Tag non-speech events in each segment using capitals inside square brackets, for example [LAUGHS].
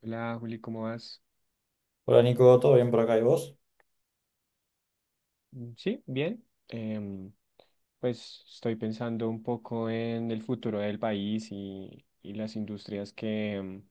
Hola Juli, ¿cómo vas? Hola Nico, ¿todo bien por acá y vos? Mm, sí, bien. Pues estoy pensando un poco en el futuro del país y las industrias que,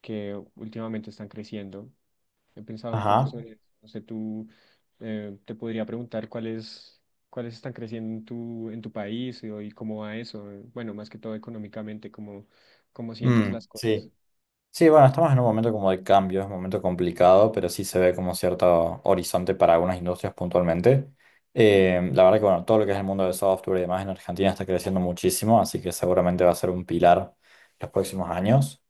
que últimamente están creciendo. He pensado un poco Ajá. sobre eso. No sé, tú te podría preguntar cuáles están creciendo en en tu país y cómo va eso. Bueno, más que todo económicamente, cómo sientes Mm, las cosas. sí. Sí, bueno, estamos en un momento como de cambio, es un momento complicado, pero sí se ve como cierto horizonte para algunas industrias puntualmente. La verdad que, bueno, todo lo que es el mundo del software y demás en Argentina está creciendo muchísimo, así que seguramente va a ser un pilar los próximos años.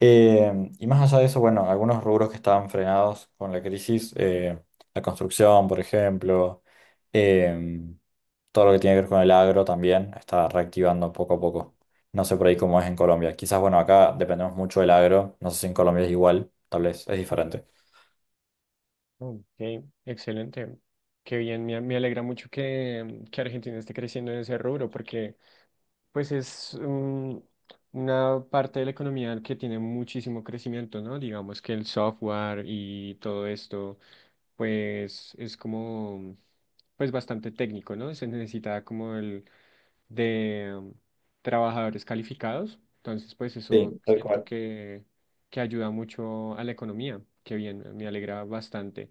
Eh, y más allá de eso, bueno, algunos rubros que estaban frenados con la crisis, la construcción, por ejemplo, em, todo lo que tiene que ver con el agro también está reactivando poco a poco. No sé por ahí cómo es en Colombia. Quizás, bueno, acá dependemos mucho del agro. No sé si en Colombia es igual, tal vez es diferente. Ok, excelente. Qué bien, me alegra mucho que Argentina esté creciendo en ese rubro porque pues es un- una parte de la economía que tiene muchísimo crecimiento, ¿no? Digamos que el software y todo esto, pues es como, pues bastante técnico, ¿no? Se necesita como el de trabajadores calificados. Entonces, pues eso Sí, tal siento cual. Que ayuda mucho a la economía. Qué bien, me alegra bastante.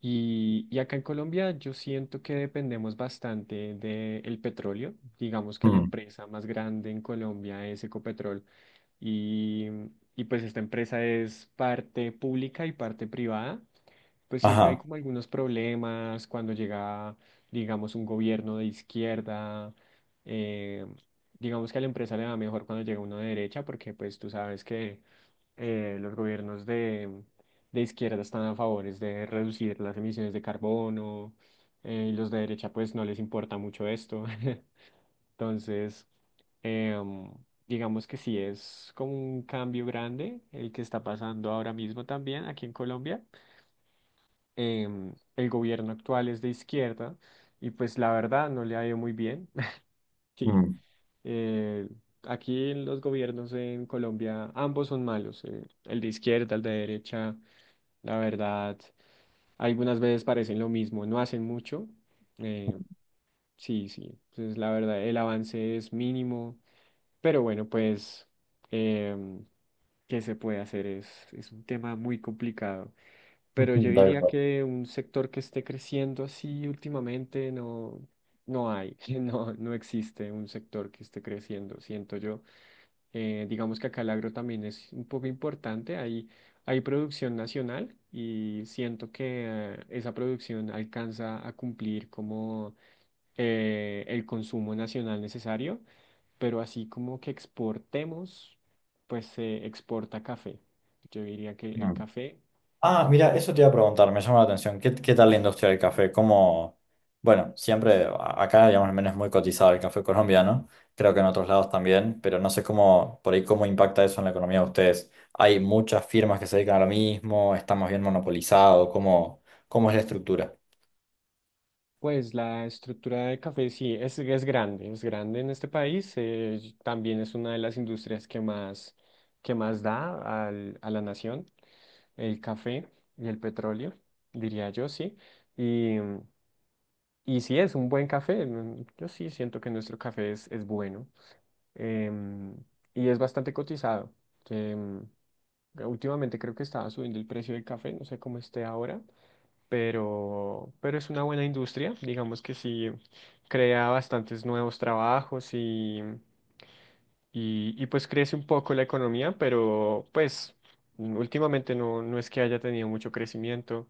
Y acá en Colombia yo siento que dependemos bastante del petróleo. Digamos que la Mm, empresa más grande en Colombia es Ecopetrol y, y pues esta empresa es parte pública y parte privada, pues siempre hay ajá. como algunos problemas cuando llega, digamos, un gobierno de izquierda, eh, digamos que a la empresa le va mejor cuando llega uno de derecha, porque pues tú sabes que los gobiernos de izquierda están a favores de reducir las emisiones de carbono, y los de derecha pues no les importa mucho esto. [LAUGHS] Entonces, em, digamos que sí es como un cambio grande el que está pasando ahora mismo también aquí en Colombia. El gobierno actual es de izquierda y pues la verdad no le ha ido muy bien. [LAUGHS] Sí, Mm, [LAUGHS] eh, aquí en los gobiernos en Colombia ambos son malos, el de izquierda, el de derecha, la verdad, algunas veces parecen lo mismo, no hacen mucho. eh, sí, sí, entonces la verdad el avance es mínimo. Pero bueno, pues, em, ¿qué se puede hacer? Es un tema muy complicado. Pero yo ujú, tal diría cual. que un sector que esté creciendo así últimamente no, no hay, [LAUGHS] no, no existe un sector que esté creciendo, siento yo. Digamos que acá el agro también es un poco importante. Hay producción nacional y siento que esa producción alcanza a cumplir como el consumo nacional necesario, pero así como que exportemos, pues se exporta café. Yo diría que el Mm. café, Ah, mira, eso te iba a preguntar, me llama la atención. ¿Qué tal la industria del café? ¿Cómo? Bueno, siempre acá, digamos, al menos es muy cotizado el café colombiano, creo que en otros lados también, pero no sé cómo, por ahí, cómo impacta eso en la economía de ustedes. ¿Hay muchas firmas que se dedican a lo mismo? ¿Estamos bien monopolizados? ¿Cómo es la estructura? pues la estructura de café sí es grande en este país, y también es una de las industrias que más da al- a la nación, el café y el petróleo, diría yo, sí. Y, y sí es un buen café, mm, yo sí siento que nuestro café es bueno, em, y es bastante cotizado. em, Últimamente creo que estaba subiendo el precio del café, no sé cómo esté ahora, pero es una buena industria, digamos que sí crea bastantes nuevos trabajos y pues crece un poco la economía, pero pues mm, últimamente no, no es que haya tenido mucho crecimiento.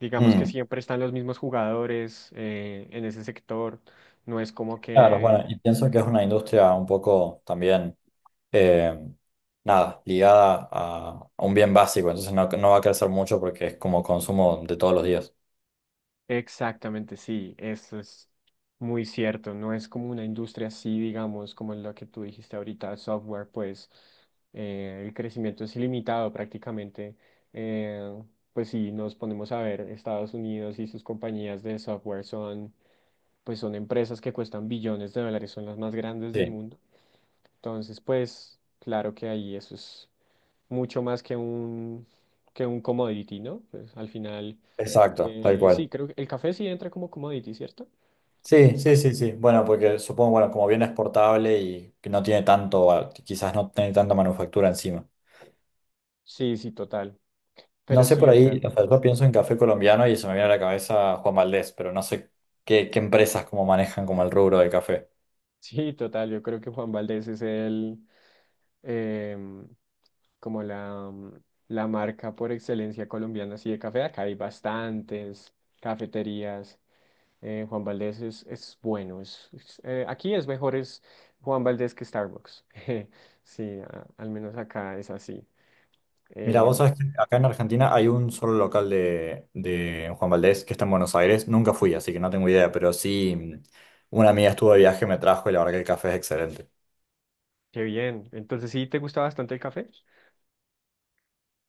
Digamos que Mm, siempre están los mismos jugadores en ese sector, no es como claro, que bueno, y pienso que es una industria un poco también, eh, nada, ligada a un bien básico, entonces no, no va a crecer mucho porque es como consumo de todos los días. exactamente, sí, eso es muy cierto. No es como una industria así, digamos, como lo que tú dijiste ahorita, software, pues el crecimiento es ilimitado prácticamente. Eh, pues sí, nos ponemos a ver, Estados Unidos y sus compañías de software son, pues son empresas que cuestan billones de dólares, son las más grandes del Sí. mundo. Entonces, pues claro que ahí eso es mucho más que que un commodity, ¿no? Pues al final Exacto, tal sí, cual. creo que el café sí entra como commodity, ¿cierto? Sí. Sí, sí, sí, sí. Bueno, porque supongo, bueno, como bien exportable y que no tiene tanto, ah, quizás no tiene tanta manufactura encima. Sí, sí, total. No Pero sé sí, por o sea, ahí, o sea, yo pienso en café colombiano y se me viene a la cabeza Juan Valdés, pero no sé qué empresas como manejan como el rubro del café. [LAUGHS] sí, total. Yo creo que Juan Valdez es el, em, como la, la marca por excelencia colombiana, así de café. Acá hay bastantes cafeterías. Juan Valdez es bueno. Aquí es mejor es Juan Valdez que Starbucks. [LAUGHS] Sí, a- al menos acá es así. Mira, vos sabés Em, que acá en Argentina hay un solo local de Juan Valdés que está en Buenos Aires. Nunca fui, así que no tengo idea, pero sí, mm, una amiga estuvo de viaje, me trajo y la verdad que el café es excelente. Qué bien. Entonces, ¿sí te gusta bastante el café?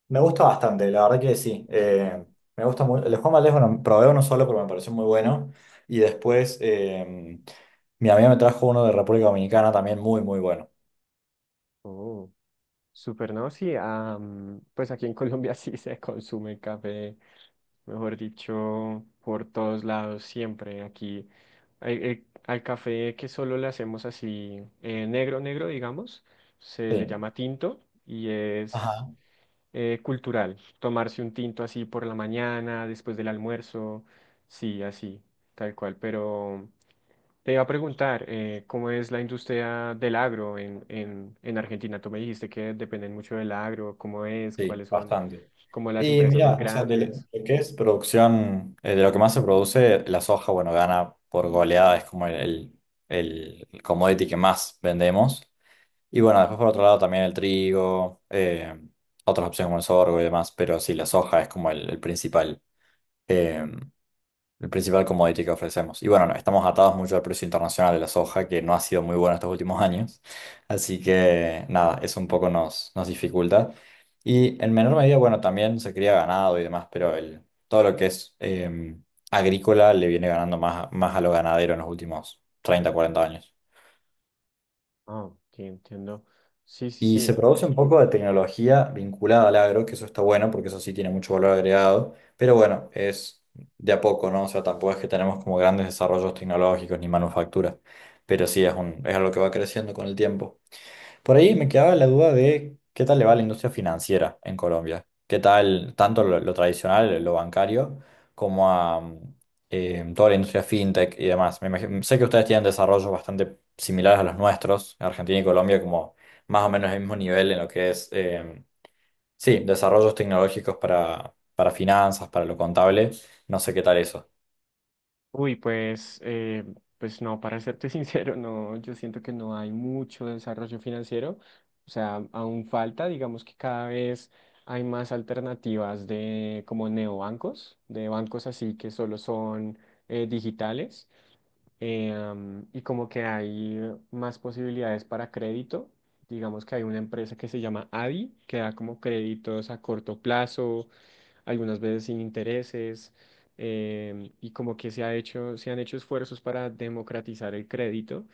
Me gusta bastante, la verdad que sí. Me gusta muy, el de Juan Valdez, bueno, probé uno solo, pero me pareció muy bueno. Y después mi amiga me trajo uno de República Dominicana también muy, muy bueno. Oh. Súper, ¿no? Sí, am, pues aquí en Colombia [LAUGHS] sí se consume café, mejor dicho, por todos lados, siempre. Aquí al el- al café que solo le hacemos así negro, negro, digamos, se le Sí. llama tinto y es Ajá. Cultural. Tomarse un tinto así por la mañana, después del almuerzo, sí, así, tal cual, pero... Te iba a preguntar, ¿cómo es la industria del agro en Argentina? Tú me dijiste que dependen mucho del agro, ¿cómo es? Sí, ¿Cuáles son bastante. como las Y empresas más mira, o sea, de lo grandes? lo que es producción, de lo que más se produce, la soja, bueno, gana por goleada, es como el commodity que más vendemos. Y bueno, después por otro lado también el trigo, otras opciones como el sorgo y demás, pero sí, la soja es como el principal. eh, el principal commodity que ofrecemos. Y bueno, no, estamos atados mucho al precio internacional de la soja, que no ha sido muy bueno estos últimos [LAUGHS] años. Así que nada, eso un poco nos dificulta. Y en menor medida, bueno, también se cría ganado y demás, pero todo lo que es agrícola le viene ganando más, más a lo ganadero en los últimos 30 40 años. Oh, ok, entiendo. Sí, sí, Y se sí. produce un poco de tecnología vinculada al agro, que eso está bueno porque eso sí tiene mucho valor agregado, pero bueno, es de a poco, ¿no? O sea, tampoco es que tenemos como grandes desarrollos tecnológicos ni manufacturas, pero sí es algo que va creciendo con el tiempo. Por ahí me quedaba la duda de qué tal le va a la industria financiera en Colombia. ¿Qué tal tanto lo tradicional, lo bancario, como a toda la industria fintech y demás? Sé que ustedes tienen desarrollos bastante similares a los nuestros, Argentina y Colombia, como más o menos el mismo nivel en lo que es, sí, desarrollos tecnológicos para finanzas, para lo contable. No sé qué tal eso. Uy, pues, pues no, para serte [LAUGHS] sincero, no, yo siento que no hay mucho desarrollo financiero. O sea, aún falta, digamos que cada vez hay más alternativas de como neobancos, de bancos así que solo son digitales. Y como que hay más posibilidades para crédito. Digamos que hay una empresa que se llama ADI, que da como créditos a corto plazo algunas veces sin intereses, y como que se ha hecho, se han hecho esfuerzos para democratizar el crédito,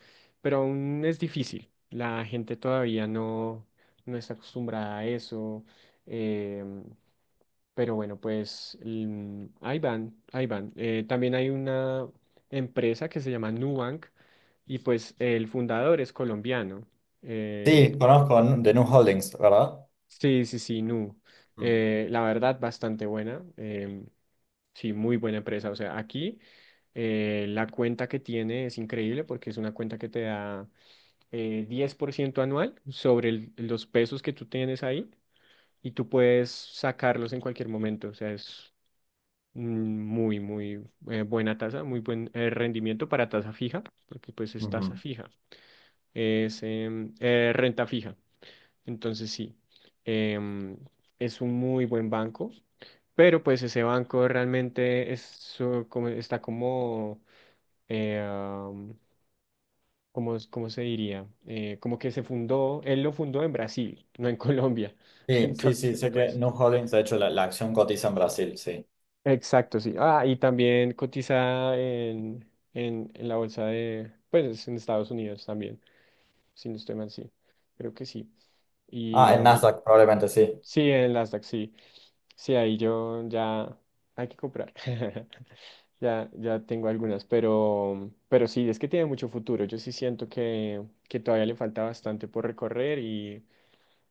pero aún es difícil. La gente todavía no, no está acostumbrada a eso. em, pero bueno, pues mm, ahí van, ahí van. También hay una empresa que se llama Nubank y pues el fundador es colombiano. Sí, Em, conozco de Nu Holdings, ¿verdad? sí, sí, sí, Nu. Mm. La verdad, bastante buena. Sí, muy buena empresa. O sea, aquí la cuenta que tiene es increíble porque es una cuenta que te da 10% anual sobre el- los pesos que tú tienes ahí y tú puedes sacarlos en cualquier momento. O sea, es mm, muy, muy buena tasa, muy buen rendimiento para tasa fija, porque pues es tasa Ujú. fija, es renta fija. Entonces, sí, em, es un muy buen banco, pero pues ese banco realmente es, su- como, está como, am, como, ¿cómo se diría? Como que se fundó, él lo fundó en Brasil, [LAUGHS] no en Colombia. [LAUGHS] Sí, sí, sí, Entonces, sé que pues, New Holdings, de hecho, la acción cotiza en Brasil, sí. exacto, sí. Ah, y también cotiza en la bolsa de, pues, en Estados Unidos también, si no estoy mal, sí, creo que sí. Y Ah, en am, Nasdaq, probablemente, sí. sí, en el Nasdaq, sí. Sí, ahí yo ya hay que comprar. [LAUGHS] Ya, ya tengo algunas, pero sí, es que tiene mucho futuro. Yo sí siento que todavía le falta bastante por recorrer y,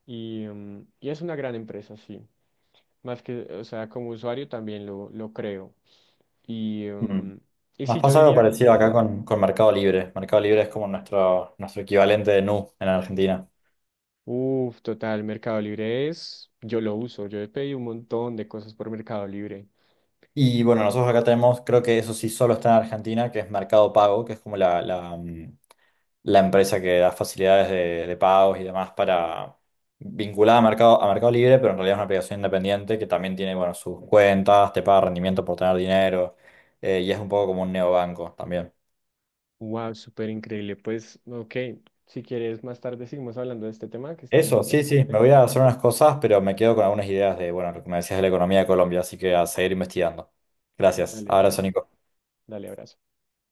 y, mm, y es una gran empresa, sí. Más que, o sea, como usuario también lo creo. Y, Mm. mm, y Nos sí, yo pasa algo diría, parecido acá con Mercado Libre. Mercado Libre es como nuestro equivalente de Nu en Argentina. uff, total, Mercado Libre es, yo lo uso, yo he pedido un montón de cosas por Mercado Libre. Y bueno, nosotros acá tenemos, creo que eso sí solo está en Argentina, que es Mercado Pago, que es como la empresa que da facilidades de pagos y demás para vinculada a Mercado Libre, pero en realidad es una aplicación independiente que también tiene, bueno, sus cuentas, te paga rendimiento por tener dinero, y es un poco como un neobanco también. Wow, súper increíble. Pues, ok, si quieres, más tarde seguimos hablando de este tema que está muy Eso, sí, sí, interesante. me voy a hacer unas cosas, pero me quedo con algunas ideas de, bueno, lo que me decías de la economía de Colombia, así que a seguir investigando. Gracias. Dale, Abrazo, dale, Nico. dale, abrazo.